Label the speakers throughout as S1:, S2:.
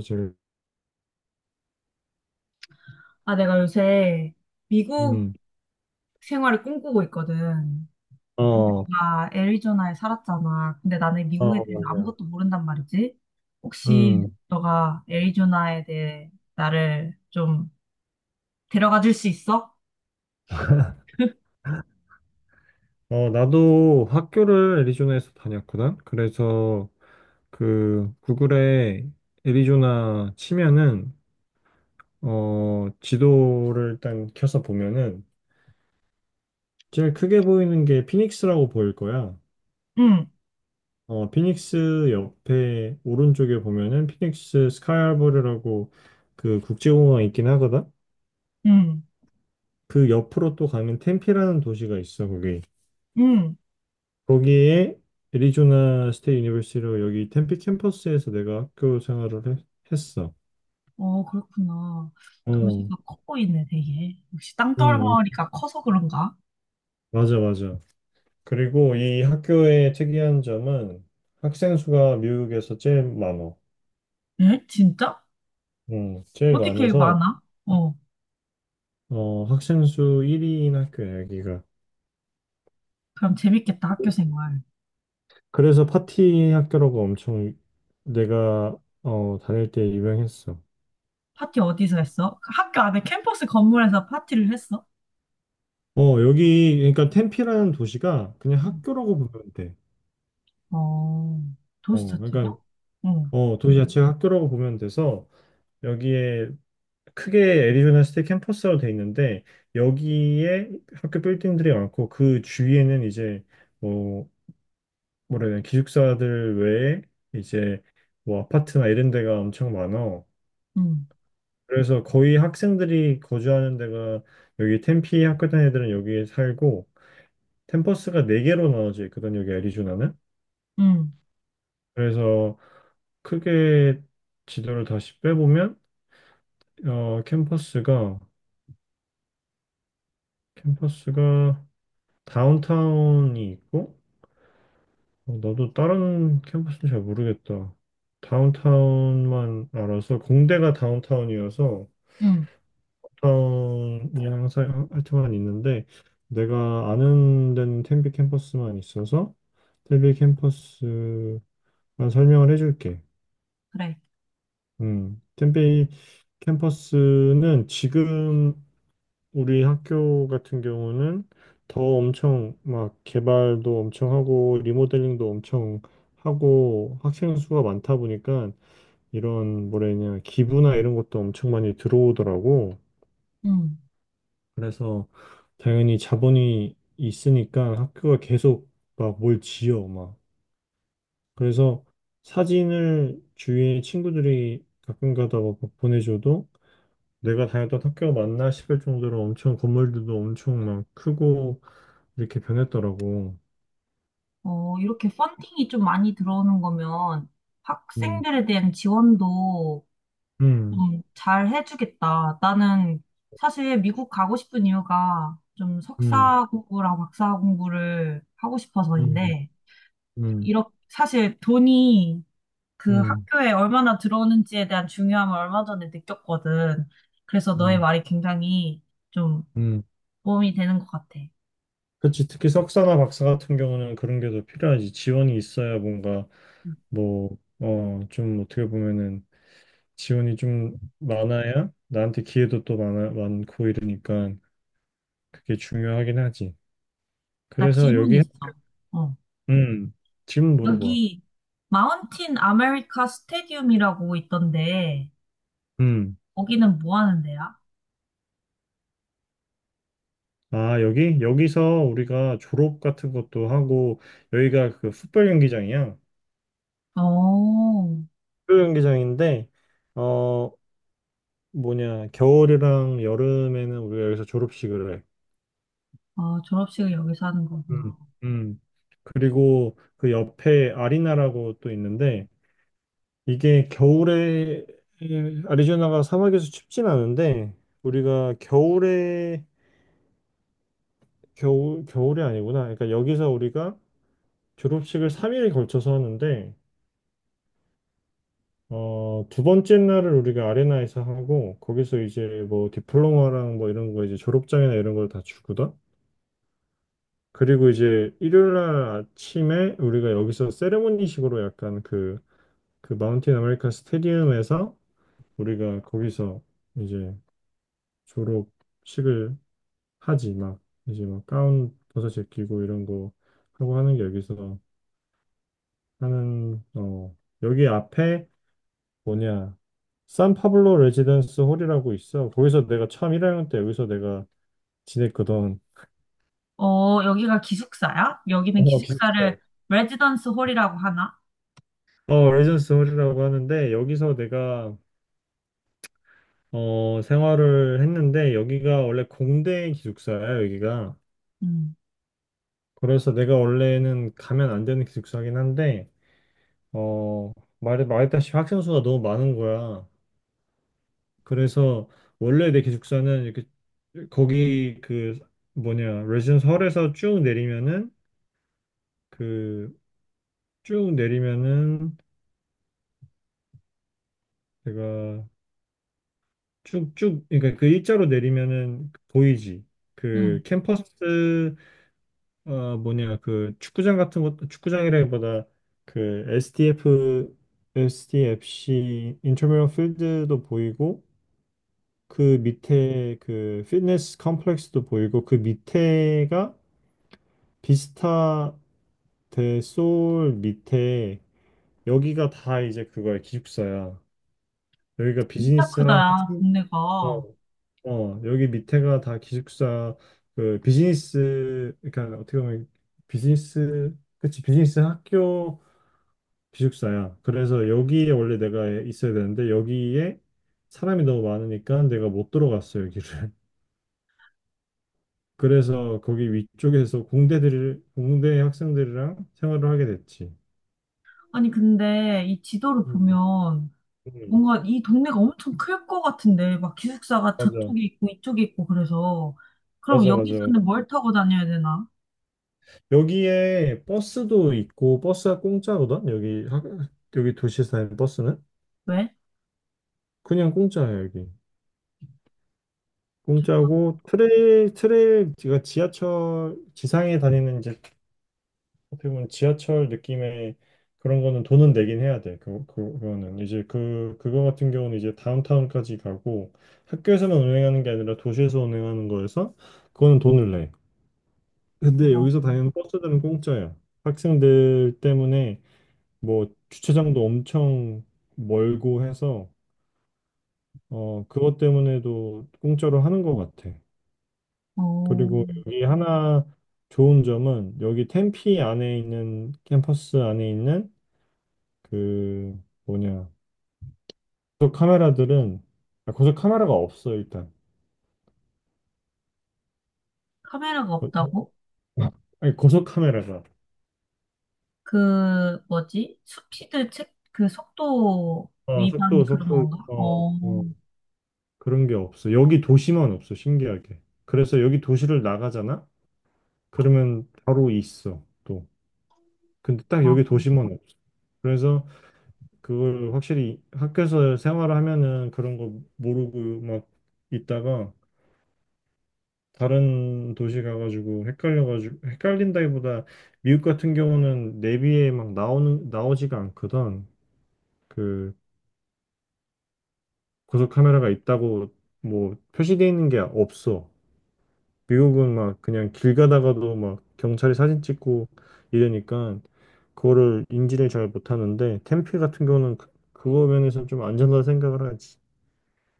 S1: 사실.
S2: 아, 내가 요새 미국
S1: 음,
S2: 생활을 꿈꾸고 있거든.
S1: 어,
S2: 근데
S1: 어,
S2: 내가 애리조나에 살았잖아. 근데 나는 미국에 대해서
S1: 맞아요.
S2: 아무것도 모른단 말이지. 혹시
S1: 음,
S2: 너가 애리조나에 대해 나를 좀 데려가 줄 수 있어?
S1: 나도 학교를 애리조나에서 다녔거든. 그래서 그 구글에 애리조나 치면은 지도를 일단 켜서 보면은 제일 크게 보이는 게 피닉스라고 보일 거야.
S2: 응,
S1: 피닉스 옆에 오른쪽에 보면은 피닉스 스카이하버리라고 그 국제공항이 있긴 하거든.
S2: 응,
S1: 그 옆으로 또 가면 템피라는 도시가 있어, 거기.
S2: 응.
S1: 거기에 애리조나 스테이 유니버시티로 여기 템피 캠퍼스에서 내가 학교 생활을 했어.
S2: 어, 그렇구나.
S1: 어,
S2: 도시가 커 보이네, 되게. 역시
S1: 음, 엄-
S2: 땅덩어리가 커서 그런가?
S1: 맞아, 맞아. 그리고 이 학교의 특이한 점은 학생 수가 미국에서 제일 많어.
S2: 응? 진짜?
S1: 제일
S2: 어떻게
S1: 많아서
S2: 많아? 어,
S1: 학생 수 1위인 학교야, 여기가.
S2: 그럼 재밌겠다, 학교 생활.
S1: 그래서 파티 학교라고 엄청 내가 다닐 때 유명했어.
S2: 파티 어디서 했어? 그 학교 안에 캠퍼스 건물에서 파티를 했어?
S1: 여기, 그러니까 템피라는 도시가 그냥
S2: 음.
S1: 학교라고 보면 돼.
S2: 어, 도시 자체가?
S1: 그러니까
S2: 응.
S1: 도시자치 학교라고 보면 돼서 여기에 크게 애리조나 스테이트 캠퍼스로 돼 있는데 여기에 학교 빌딩들이 많고 그 주위에는 이제 뭐 뭐라 해야 되나 기숙사들 외에 이제 뭐 아파트나 이런 데가 엄청 많아.
S2: 응.
S1: 그래서 거의 학생들이 거주하는 데가 여기 템피 학교 다니는 애들은 여기에 살고 캠퍼스가 네개로 나눠져 있거든 여기 애리조나는.
S2: 응.
S1: 그래서 크게 지도를 다시 빼보면 어, 캠퍼스가 캠퍼스가 다운타운이 있고, 나도 다른 캠퍼스는 잘 모르겠다. 다운타운만 알아서, 공대가 다운타운이어서,
S2: 응.
S1: 다운이 항상 하여튼만 있는데, 내가 아는 데는 텐비 캠퍼스만 있어서, 텐비 캠퍼스만 설명을 해줄게.
S2: 그래.
S1: 텐비 캠퍼스는 지금 우리 학교 같은 경우는 더 엄청 막 개발도 엄청 하고 리모델링도 엄청 하고 학생 수가 많다 보니까 이런 뭐래냐 기부나 이런 것도 엄청 많이 들어오더라고.
S2: 응,
S1: 그래서 당연히 자본이 있으니까 학교가 계속 막 뭘 지어 막. 그래서 사진을 주위에 친구들이 가끔 가다 막 보내줘도 내가 다녔던 학교가 맞나 싶을 정도로 엄청 건물들도 엄청 막 크고 이렇게 변했더라고.
S2: 이렇게 펀딩이 좀 많이 들어오는 거면
S1: 음,
S2: 학생들에 대한 지원도
S1: 음,
S2: 좀 잘 해주겠다. 나는 사실 미국 가고 싶은 이유가 좀
S1: 음,
S2: 석사 공부랑 박사 공부를 하고
S1: 음,
S2: 싶어서인데,
S1: 음,
S2: 이렇게 사실 돈이 그
S1: 음,
S2: 학교에 얼마나 들어오는지에 대한 중요함을 얼마 전에 느꼈거든. 그래서 너의
S1: 음,
S2: 말이 굉장히 좀
S1: 음.
S2: 도움이 되는 것 같아.
S1: 그치. 특히 석사나 박사 같은 경우는 그런 게 더 필요하지. 지원이 있어야 뭔가
S2: 응.
S1: 뭐, 좀 어떻게 보면은 지원이 좀 많아야 나한테 기회도 또 많아, 많고 이러니까 그게 중요하긴 하지.
S2: 나
S1: 그래서
S2: 질문
S1: 여기,
S2: 있어. 어. 응.
S1: 음, 질문 물어봐.
S2: 여기 마운틴 아메리카 스테디움이라고 있던데
S1: 음.
S2: 거기는 뭐 하는 데야?
S1: 아, 여기? 여기서 우리가 졸업 같은 것도 하고, 여기가 그 풋볼 경기장이야.
S2: 어,
S1: 축구 경기장인데 어 뭐냐 겨울이랑 여름에는 우리가 여기서 졸업식을 해.
S2: 아, 졸업식을 여기서 하는
S1: 음.
S2: 거구나.
S1: 음. 그리고 그 옆에 아리나라고 또 있는데 이게 겨울에 아리조나가 사막에서 춥진 않은데 우리가 겨울에 겨울이 아니구나. 그러니까 여기서 우리가 졸업식을 3일에 걸쳐서 하는데 두 번째 날을 우리가 아레나에서 하고 거기서 이제 뭐 디플로마랑 뭐 이런 거 이제 졸업장이나 이런 걸 다 주거든. 그리고 이제 일요일 날 아침에 우리가 여기서 세레모니식으로 약간 그, 그 마운틴 아메리칸 스테디움에서 우리가 거기서 이제 졸업식을 하지 막 이제 막 가운 벗어 제끼고 이런 거 하고 하는 게 여기서 하는 여기 앞에 뭐냐 산파블로 레지던스 홀이라고 있어 거기서 내가 처음 1학년 때 여기서 내가 지냈거든.
S2: 어, 여기가 기숙사야? 여기는 기숙사를
S1: 비슷해.
S2: 레지던스 홀이라고 하나?
S1: 레전스 홀이라고 하는데 여기서 내가 생활을 했는데 여기가 원래 공대 기숙사야, 여기가.
S2: 응.
S1: 그래서 내가 원래는 가면 안 되는 기숙사긴 한데, 어, 말했다시피 학생 수가 너무 많은 거야. 그래서 원래 내 기숙사는 이렇게 거기 그 뭐냐, 레지던스 홀에서 쭉 내리면은 그 쭉 내리면은 제가 쭉쭉 그러니까 그 일자로 내리면은 보이지. 그
S2: 응.
S1: 캠퍼스 뭐냐, 그 축구장 같은 것, 축구장이라기보다 그 SDF, SDFC 인터미럴 필드도 보이고 그 밑에 그 피트니스 컴플렉스도 보이고 그 밑에가 비스타 대 소울 밑에 여기가 다 이제 그거야 기숙사야. 여기가
S2: 진짜
S1: 비즈니스
S2: 크다, 야
S1: 학생. 어,
S2: 동네가.
S1: 여기 밑에가 다 기숙사 그 비즈니스 그러니까 어떻게 보면 비즈니스 그치 비즈니스 학교 기숙사야. 그래서 여기에 원래 내가 있어야 되는데 여기에 사람이 너무 많으니까 내가 못 들어갔어, 여기를. 그래서 거기 위쪽에서 공대들, 공대 학생들이랑 생활을 하게 됐지.
S2: 아니, 근데 이 지도를
S1: 음,
S2: 보면
S1: 음,
S2: 뭔가 이 동네가 엄청 클 것 같은데, 막 기숙사가
S1: 맞아.
S2: 저쪽에 있고 이쪽에 있고 그래서. 그럼
S1: 맞아, 맞아, 맞아.
S2: 여기서는 뭘 타고 다녀야 되나?
S1: 여기에 버스도 있고, 버스가 공짜거든? 여기, 여기 도시에 사는 버스는?
S2: 왜?
S1: 그냥 공짜야, 여기.
S2: 좋다.
S1: 공짜고, 트레일, 제가 지하철, 지상에 다니는 이제 어떻게 보면 지하철 느낌의 그런 거는 돈은 내긴 해야 돼. 그거는. 이제 그거 같은 경우는 이제 다운타운까지 가고 학교에서만 운행하는 게 아니라 도시에서 운행하는 거여서 그거는 돈을 내. 근데
S2: 어,
S1: 여기서 다니는 버스들은 공짜야. 학생들 때문에 뭐 주차장도 엄청 멀고 해서 그것 때문에도 공짜로 하는 것 같아.
S2: 어,
S1: 그리고 여기 하나 좋은 점은 여기 템피 안에 있는 캠퍼스 안에 있는 그 뭐냐 고속 카메라들은 아, 고속 카메라가 없어 일단.
S2: 카메라가
S1: 어, 어,
S2: 없다고?
S1: 아니 고속 카메라가
S2: 그, 뭐지? 스피드 책, 그 속도 위반
S1: 속도
S2: 그런
S1: 속도
S2: 건가? 어,
S1: 어 그런 게 없어 여기 도시만 없어 신기하게. 그래서 여기 도시를 나가잖아 그러면 바로 있어 또. 근데 딱
S2: 어.
S1: 여기
S2: 어.
S1: 도시만 없어. 그래서 그걸 확실히 학교에서 생활을 하면은 그런 거 모르고 막 있다가 다른 도시 가가지고 헷갈려가지고 헷갈린다기보다 미국 같은 경우는 내비에 막 나오는 나오지가 않거든. 그 고속 카메라가 있다고 뭐 표시돼 있는 게 없어. 미국은 막 그냥 길 가다가도 막 경찰이 사진 찍고 이러니까 그거를 인지를 잘 못하는데 템피 같은 경우는 그, 그거 면에서 좀 안전하다 생각을 하지.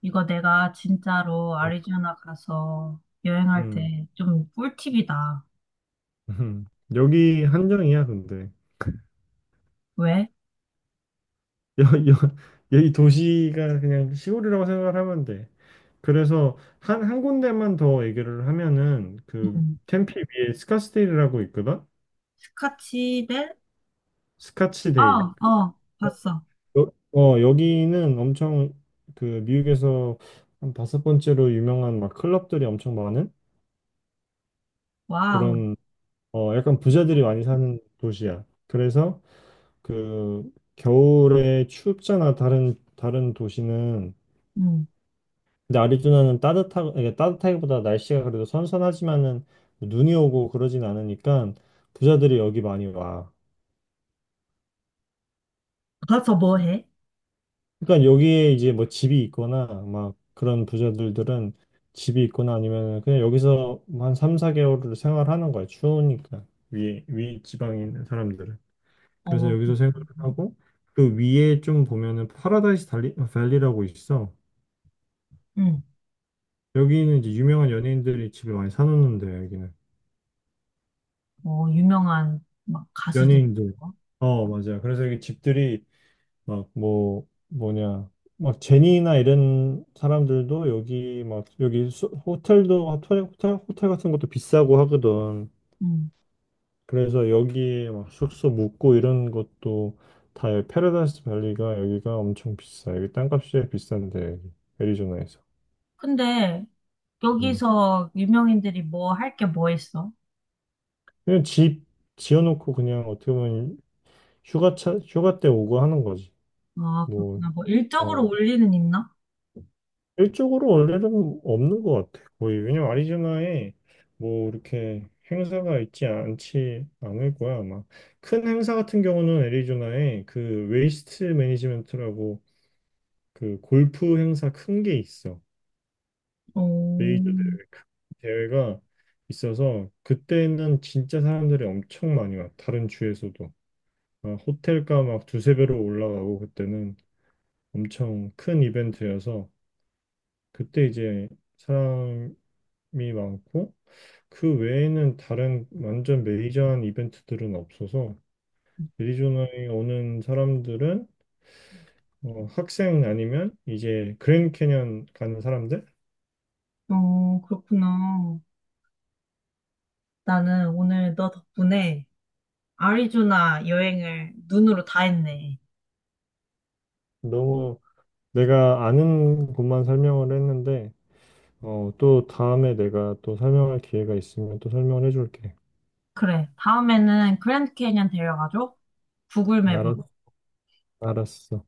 S2: 이거 내가 진짜로
S1: 음,
S2: 아리조나 가서 여행할
S1: 음,
S2: 때 좀 꿀팁이다.
S1: 여기 한정이야 근데.
S2: 왜?
S1: 여, 여, 이 도시가 그냥 시골이라고 생각을 하면 돼. 그래서 한 군데만 더 얘기를 하면은 그
S2: 음.
S1: 템피 위에 스카스데일이라고 있거든?
S2: 스카치 대. 어,
S1: 스카치데일.
S2: 어, 봤어.
S1: 여기는 엄청 그 미국에서 한 다섯 번째로 유명한 막 클럽들이 엄청 많은
S2: 와우.
S1: 그런 약간
S2: 됐다.
S1: 부자들이 많이 사는 도시야. 그래서 그 겨울에 춥잖아. 다른 다른 도시는.
S2: 음.
S1: 근데 아리조나는 따뜻하, 이게 따뜻하기보다 날씨가 그래도 선선하지만은 눈이 오고 그러진 않으니까 부자들이 여기 많이 와.
S2: 가서 뭐 해?
S1: 그러니까 여기에 이제 뭐 집이 있거나 막 그런 부자들들은 집이 있거나 아니면 그냥 여기서 뭐한 3, 4개월을 생활하는 거야. 추우니까. 위에, 위 지방에 있는 사람들은.
S2: 어,
S1: 그래서 여기서 생활을
S2: 그렇구나.
S1: 하고 그 위에 좀 보면은 파라다이스 밸리라고 있어.
S2: 음.
S1: 여기는 이제 유명한 연예인들이 집을 많이 사놓는데 여기는.
S2: 어, 유명한 막 가수들.
S1: 연예인들.
S2: 있고.
S1: 맞아요. 그래서 이게 집들이 막 뭐냐. 막 제니나 이런 사람들도 여기 막 여기 호텔도 호텔 같은 것도 비싸고 하거든.
S2: 음.
S1: 그래서 여기에 막 숙소 묵고 이런 것도 다 여기 패러다이스 밸리가 여기가 엄청 비싸. 여기 땅값이 비싼데 여기 애리조나에서.
S2: 근데
S1: 음.
S2: 여기서 유명인들이 뭐 할 게 뭐 있어?
S1: 그냥 집 지어놓고 그냥 어떻게 보면 휴가차 휴가 때 오고 하는 거지.
S2: 아,
S1: 뭐
S2: 그렇구나. 뭐 일적으로
S1: 어.
S2: 올리는 있나?
S1: 일적으로 원래는 없는 것 같아. 거의 왜냐면 아리조나에 뭐 이렇게 행사가 있지 않지 않을 거야 아마. 큰 행사 같은 경우는 애리조나에 그 웨이스트 매니지먼트라고 그 골프 행사 큰 게 있어. 메이저
S2: 어,
S1: 대회 큰 대회가 있어서 그때는 진짜 사람들이 엄청 많이 와. 다른 주에서도 막 호텔가 막 두세 배로 올라가고 그때는 엄청 큰 이벤트여서 그때 이제 사람이 많고. 그 외에는 다른 완전 메이저한 이벤트들은 없어서 애리조나에 오는 사람들은 학생 아니면 이제 그랜드 캐년 가는 사람들?
S2: 어, 그렇구나. 나는 오늘 너 덕분에 아리조나 여행을 눈으로 다 했네.
S1: 너무 내가 아는 곳만 설명을 했는데 또 다음에 내가 또 설명할 기회가 있으면 또 설명을 해줄게.
S2: 그래. 다음에는 그랜드 캐니언 데려가줘. 구글
S1: 알았,
S2: 맵으로.
S1: 알았어.